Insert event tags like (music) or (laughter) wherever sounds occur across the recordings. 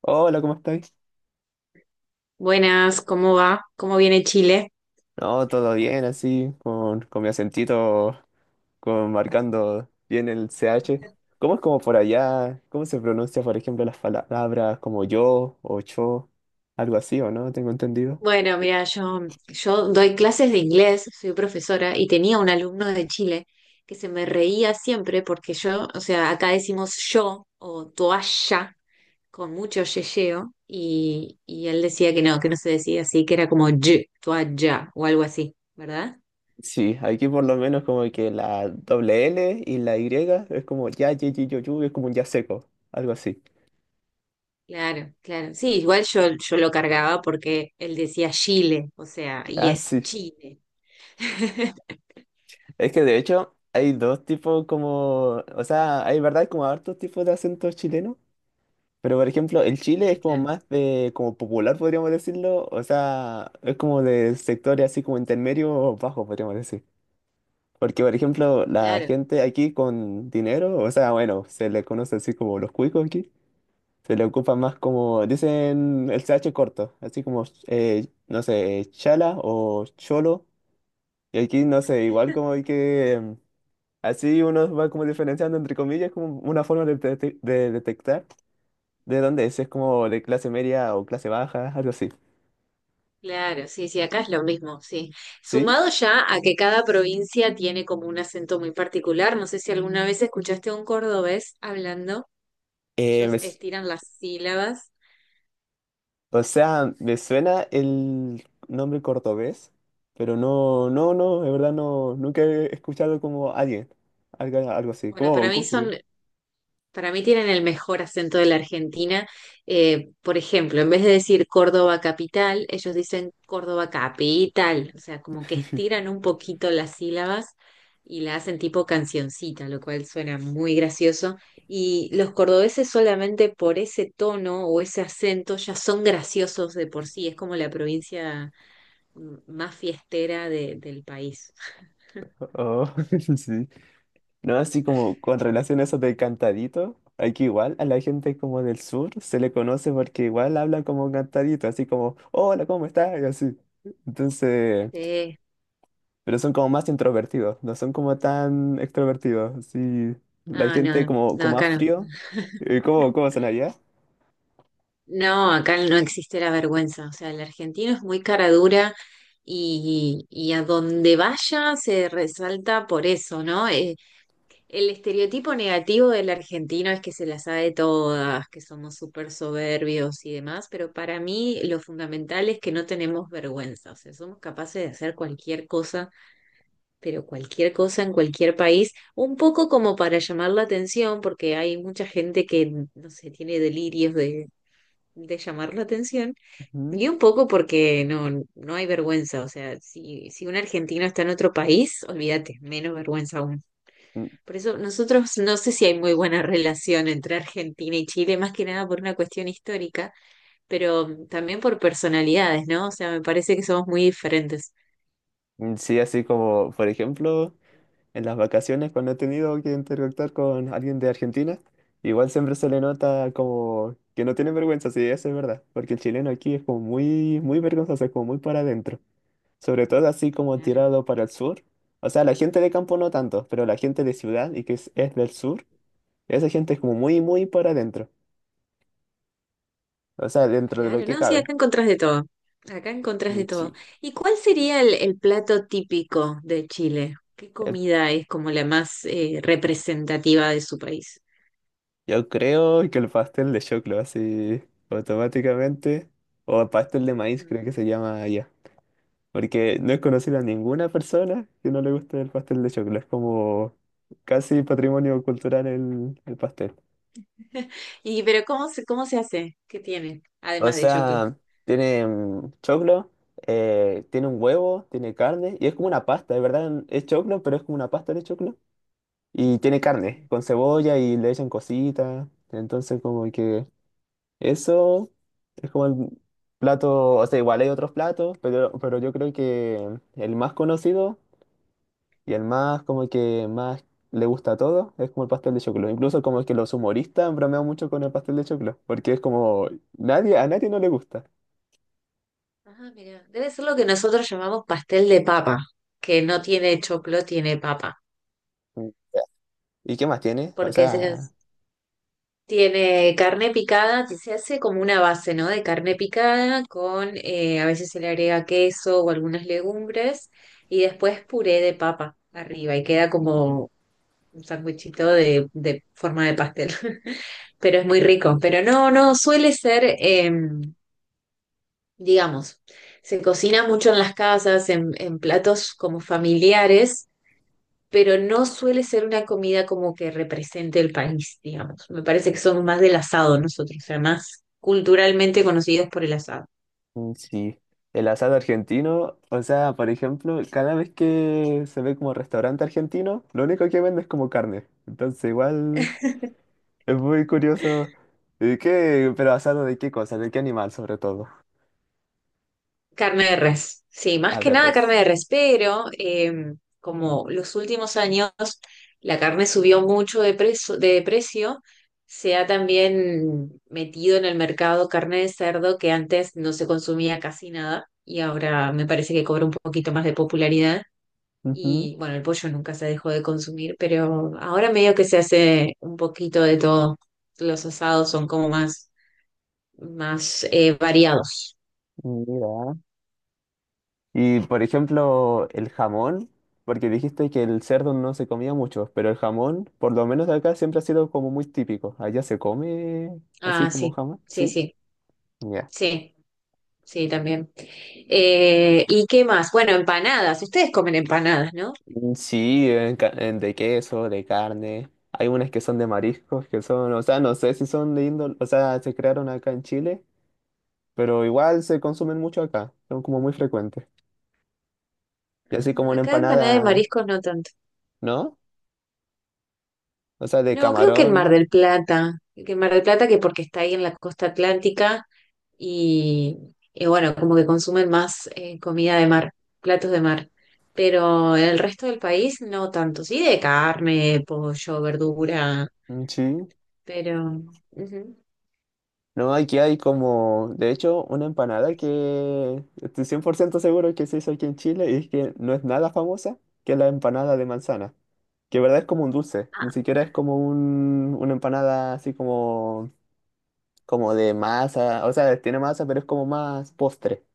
Hola, ¿cómo estáis? Buenas, ¿cómo va? ¿Cómo viene Chile? No, todo bien, así, con mi acentito, con, marcando bien el CH. ¿Cómo es como por allá? ¿Cómo se pronuncia, por ejemplo, las palabras como yo o yo? Algo así, ¿o no? Tengo entendido. Bueno, mira, yo doy clases de inglés, soy profesora y tenía un alumno de Chile que se me reía siempre porque yo, o sea, acá decimos yo o toalla con mucho yeyeo y él decía que no se decía así, que era como y, toalla o algo así, ¿verdad? Sí, aquí por lo menos como que la doble L y la Y es como ya, ye, ye, yo, es como un ya seco, algo así. Claro, claro. Sí, igual yo lo cargaba porque él decía Chile, o sea, y Ah, es sí. Chile. (laughs) Es que de hecho hay dos tipos como, o sea, hay verdad como hartos tipos de acentos chilenos. Pero por ejemplo, el Chile es Sí, como claro. más de, como popular, podríamos decirlo, o sea, es como de sectores así como intermedio o bajo, podríamos decir. Porque por ejemplo, la Claro. gente aquí con dinero, o sea, bueno, se le conoce así como los cuicos aquí, se le ocupa más como, dicen el CH corto, así como, no sé, chala o cholo, y aquí no sé, igual como hay que, así uno va como diferenciando entre comillas, como una forma de, de detectar. ¿De dónde es? ¿Es como de clase media o clase baja? Algo así. Claro, sí, sí, acá es lo mismo, sí. ¿Sí? Sumado ya a que cada provincia tiene como un acento muy particular, no sé si alguna vez escuchaste a un cordobés hablando, Eh, ellos me s- estiran las sílabas. o sea, me suena el nombre cordobés, pero no, de verdad no, nunca he escuchado como alguien, algo así. Bueno, para ¿Cómo, cómo mí son sería? Para mí tienen el mejor acento de la Argentina. Por ejemplo, en vez de decir Córdoba capital, ellos dicen Córdoba capital. O sea, como que estiran un poquito las sílabas y la hacen tipo cancioncita, lo cual suena muy gracioso. Y los cordobeses solamente por ese tono o ese acento ya son graciosos de por sí. Es como la provincia más fiestera del país. Oh, (laughs) sí. No, así como con relación a eso de cantadito, aquí igual a la gente como del sur se le conoce porque igual habla como cantadito, así como, hola, ¿cómo estás? Y así. Entonces Sí. pero son como más introvertidos, no son como tan extrovertidos. Sí, la Ah, gente no, como, no, como más acá no. frío. ¿Cómo, cómo son allá? No, acá no existe la vergüenza. O sea, el argentino es muy cara dura y a donde vaya se resalta por eso, ¿no? El estereotipo negativo del argentino es que se las sabe todas, que somos súper soberbios y demás, pero para mí lo fundamental es que no tenemos vergüenza. O sea, somos capaces de hacer cualquier cosa, pero cualquier cosa en cualquier país, un poco como para llamar la atención, porque hay mucha gente que, no sé, tiene delirios de llamar la atención Ujú. y un poco porque no, no hay vergüenza, o sea, si un argentino está en otro país, olvídate, menos vergüenza aún. Mm, Por eso nosotros no sé si hay muy buena (laughs) relación entre Argentina y Chile, más que nada por una cuestión histórica, pero también por personalidades, ¿no? O sea, me parece que somos muy diferentes. Sí, así como, por ejemplo, en las vacaciones cuando he tenido que interactuar con alguien de Argentina, igual siempre se le nota como que no tiene vergüenza, sí, eso es verdad, porque el chileno aquí es como muy, muy vergonzoso, es como muy para adentro, sobre todo así como Claro, tirado para el sur. O sea, la gente de campo no tanto, pero la gente de ciudad y que es del sur. Esa gente es como muy, muy para adentro. O sea, dentro de lo claro, que no, sí, cabe. acá encontrás de todo, acá encontrás de todo. Sí. ¿Y cuál sería el plato típico de Chile? ¿Qué Eh, comida es como la más representativa de su país? Yo creo que el pastel de choclo, así automáticamente. O pastel de maíz, creo que Mm. se llama allá. Porque no he conocido a ninguna persona que no le guste el pastel de choclo. Es como casi patrimonio cultural el pastel. (laughs) Y pero cómo se hace? ¿Qué tiene? O Además de choclo. sea, tiene choclo, tiene un huevo, tiene carne. Y es como una pasta, de verdad es choclo, pero es como una pasta de choclo. Y tiene carne con cebolla y le echan cositas. Entonces, como que eso es como el plato, o sea, igual hay otros platos, pero yo creo que el más conocido y el más como que más le gusta a todos es como el pastel de choclo. Incluso como que los humoristas han bromeado mucho con el pastel de choclo, porque es como nadie, a nadie no le gusta. Ah, ah, mira. Debe ser lo que nosotros llamamos pastel de papa, que no tiene choclo, tiene papa. Mm. ¿Y qué más tiene? O Porque se, sea hace- Tiene carne picada, que se hace como una base, ¿no? De carne picada con, a veces se le agrega queso o algunas legumbres y después puré de papa arriba y queda como un sándwichito de forma de pastel. (laughs) Pero es muy rico. Pero no, no, suele ser... digamos, se cocina mucho en las casas, en platos como familiares, pero no suele ser una comida como que represente el país, digamos. Me parece que somos más del asado nosotros, o sea, más culturalmente conocidos por el asado. Sí, el asado argentino, o sea, por ejemplo, cada vez que se ve como restaurante argentino, lo único que venden es como carne. Entonces, igual es muy curioso. ¿Y qué? Pero asado de qué cosa, de qué animal sobre todo. Carne de res, sí, más A que ver, nada res. carne de res, pero como los últimos años la carne subió mucho de precio, se ha también metido en el mercado carne de cerdo que antes no se consumía casi nada y ahora me parece que cobra un poquito más de popularidad. Ujú, Y bueno, el pollo nunca se dejó de consumir, pero ahora medio que se hace un poquito de todo. Los asados son como más variados. mira. Y por ejemplo, el jamón, porque dijiste que el cerdo no se comía mucho, pero el jamón, por lo menos acá, siempre ha sido como muy típico. Allá se come así Ah, como sí, jamón, sí, ¿sí? sí. Ya. Sí, sí, también. ¿Y qué más? Bueno, empanadas. Ustedes comen empanadas, ¿no? Sí, en de queso, de carne. Hay unas que son de mariscos, que son, o sea, no sé si son de índole, o sea, se crearon acá en Chile, pero igual se consumen mucho acá, son como muy frecuentes. Y así como Ah, una acá empanada de empanada, mariscos no tanto. ¿no? O sea, de No, creo que en Mar camarón, del Plata. Que en Mar del Plata, que porque está ahí en la costa atlántica y, y bueno, como que consumen más comida de mar, platos de mar. Pero en el resto del país no tanto. Sí, de carne, pollo, verdura, mm, sí. pero... ujú. No, aquí hay como, de hecho, una empanada que estoy 100% seguro que se hizo aquí en Chile y es que no es nada famosa, que es la empanada de manzana, que en verdad es como un dulce, ni Ah, siquiera es como un, una empanada así como como de masa, o sea, tiene masa, pero es como más postre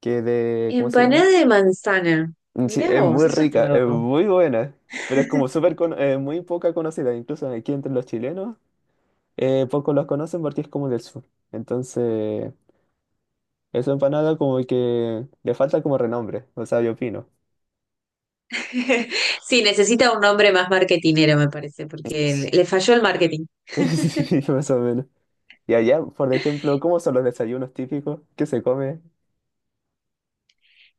que de, ¿cómo se empanada llama? de manzana. Sí, Mirá es vos, muy eso es rica, es nuevo. muy buena, pero es como (laughs) súper, muy poca conocida, incluso aquí entre los chilenos, pocos los conocen porque es como del sur. Entonces, esa empanada como que le falta como renombre, o sea, yo opino. (laughs) Sí, necesita un nombre más marketinero, me parece, porque le Sí, le falló el marketing. (laughs) sí, (laughs) más o menos. Y allá, por ejemplo, ¿cómo son los desayunos típicos que se come?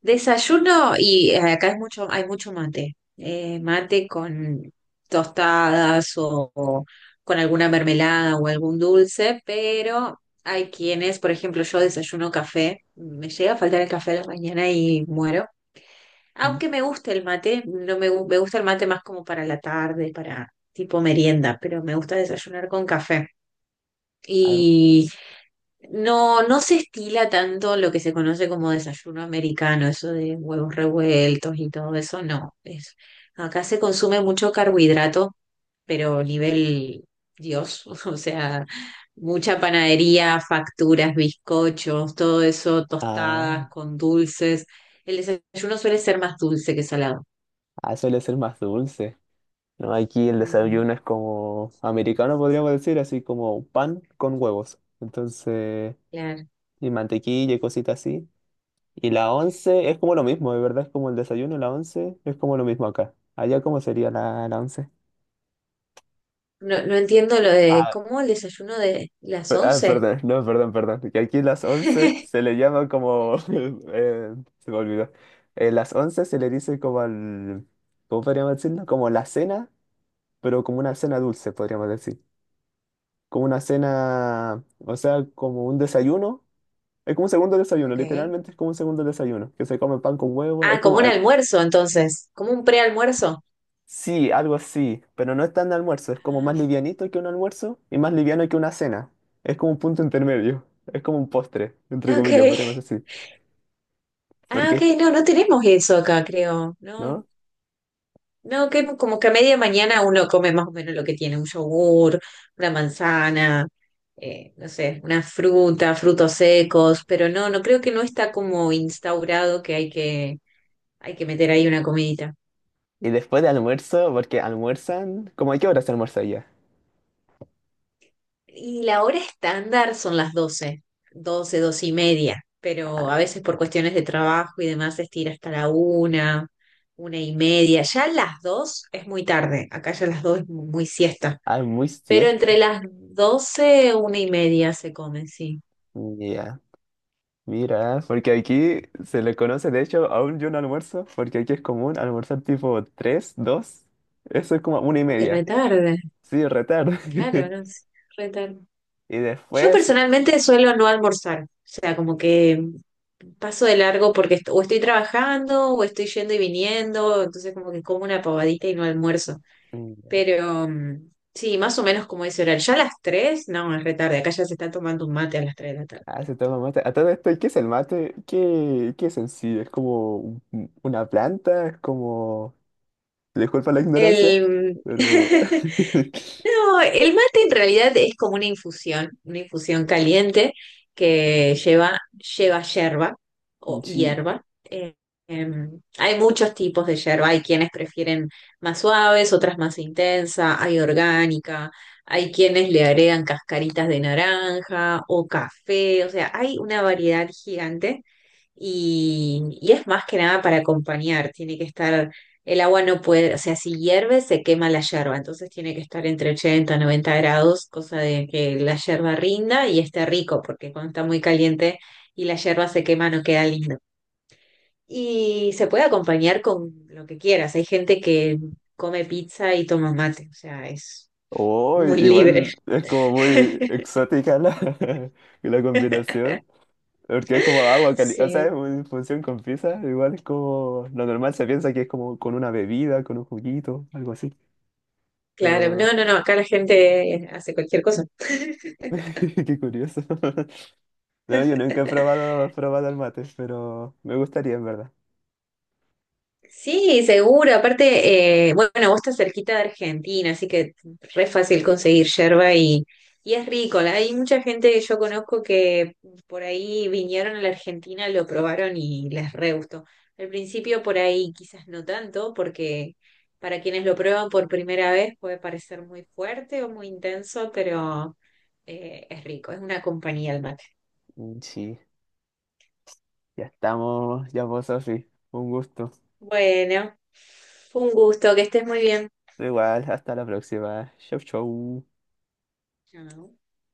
Desayuno y acá es mucho, hay mucho mate. Mate con tostadas o con alguna mermelada o algún dulce, pero hay quienes, por ejemplo, yo desayuno café, me llega a faltar el café a la mañana y muero. Mm. Aunque me gusta el mate, no me, me gusta el mate más como para la tarde, para tipo merienda, pero me gusta desayunar con café. Ah, Y no, no se estila tanto lo que se conoce como desayuno americano, eso de huevos revueltos y todo eso, no. Es, acá se consume mucho carbohidrato, pero nivel Dios, (laughs) o sea, mucha panadería, facturas, bizcochos, todo eso, ah, tostadas con dulces. El desayuno suele ser más dulce que salado. Suele ser más dulce. No, aquí el Ujú, desayuno es como americano, podríamos decir, así como pan con huevos. Entonces, claro. y mantequilla y cositas así. Y la once es como lo mismo, de verdad es como el desayuno, la once es como lo mismo acá. Allá, ¿cómo sería la, la once? No, no entiendo lo de, Ah, ¿cómo el desayuno de las per- ah, once? perdón, no, perdón. Que aquí las once se le (laughs) llama como (laughs) se me olvidó. Las once se le dice como al ¿Cómo podríamos decirlo? Como la cena, pero como una cena dulce, podríamos decir. Como una cena, o sea, como un desayuno. Es como un segundo desayuno, Ok. literalmente es como un segundo desayuno, que se come pan con huevo. Es Ah, como como, un almuerzo entonces, como un prealmuerzo. sí, algo así, pero no es tan de almuerzo, es como Ah, más livianito que un almuerzo y más liviano que una cena. Es como un punto intermedio, es como un postre, entre ok. comillas, podríamos decir. Ah, ok, Porque, no, no tenemos eso acá, creo. No, ¿no? no, que como que a media mañana uno come más o menos lo que tiene, un yogur, una manzana, no sé, una fruta, frutos secos, pero no, no creo que no está como instaurado que hay que, meter ahí una comidita. Y después de almuerzo, porque almuerzan, ¿cómo a qué hora se almuerza ya? Y la hora estándar son las 12, 12 y media, pero Ah, a veces por cuestiones de trabajo y demás se estira hasta la una y media. Ya las 2 es muy tarde, acá ya las 2 es muy siesta, ah, muy pero siesta. entre las 12 una y media se come, sí. Ya. Mira, porque aquí se le conoce, de hecho, aún yo no almuerzo, porque aquí es común almorzar tipo 3 2, eso es como una y Uy, media, retarde, sí, retardo. claro, no (laughs) sé, retarde. Y Yo después, personalmente suelo no almorzar, o sea, como que paso de largo porque o estoy trabajando o estoy yendo y viniendo, entonces como que como una pavadita y no almuerzo. mm, Pero mm, sí, más o menos como dice Oral. Ya a las tres no, es re tarde. Acá ya se está tomando un mate a las 3 de la tarde. ah, se toma mate. A todo esto, ¿qué es el mate? ¿Qué, qué es en sí? ¿Es como un- una planta? ¿Es como Disculpa la ignorancia, El... pero (laughs) (laughs) No, el mate en realidad es como una infusión caliente que lleva yerba o Sí. hierba. Hay muchos tipos de yerba, hay quienes prefieren más suaves, otras más intensa, hay orgánica, hay quienes le agregan cascaritas de naranja o café, o sea, hay una variedad gigante y es más que nada para acompañar, tiene que estar, el agua no puede, o sea, si hierve se quema la yerba, entonces tiene que estar entre 80 y 90 grados, cosa de que la yerba rinda y esté rico, porque cuando está muy caliente y la yerba se quema no queda lindo. Y se puede acompañar con lo que quieras, hay gente que come pizza y toma mate, o sea, es Oh, muy libre. igual es como muy (laughs) exótica la, (laughs) la combinación. Porque es como agua caliente, o sea, Sí, es una infusión con pizza, igual es como, lo normal se piensa que es como con una bebida, con un juguito, algo así, claro, pero no, no, no, acá la gente hace cualquier cosa. (laughs) qué curioso. (laughs) No, yo nunca he probado el mate, pero me gustaría en verdad. Sí, seguro. Aparte, bueno, vos estás cerquita de Argentina, así que re fácil conseguir yerba y es rico. Hay mucha gente que yo conozco que por ahí vinieron a la Argentina, lo probaron y les re gustó. Al principio por ahí quizás no tanto, porque para quienes lo prueban por primera vez puede parecer muy fuerte o muy intenso, pero es rico, es una compañía el mate. Sí, ya estamos, ya vos, Sofi, un gusto. Bueno, fue un gusto, que estés muy bien. Igual, hasta la próxima, chau chau. Chao.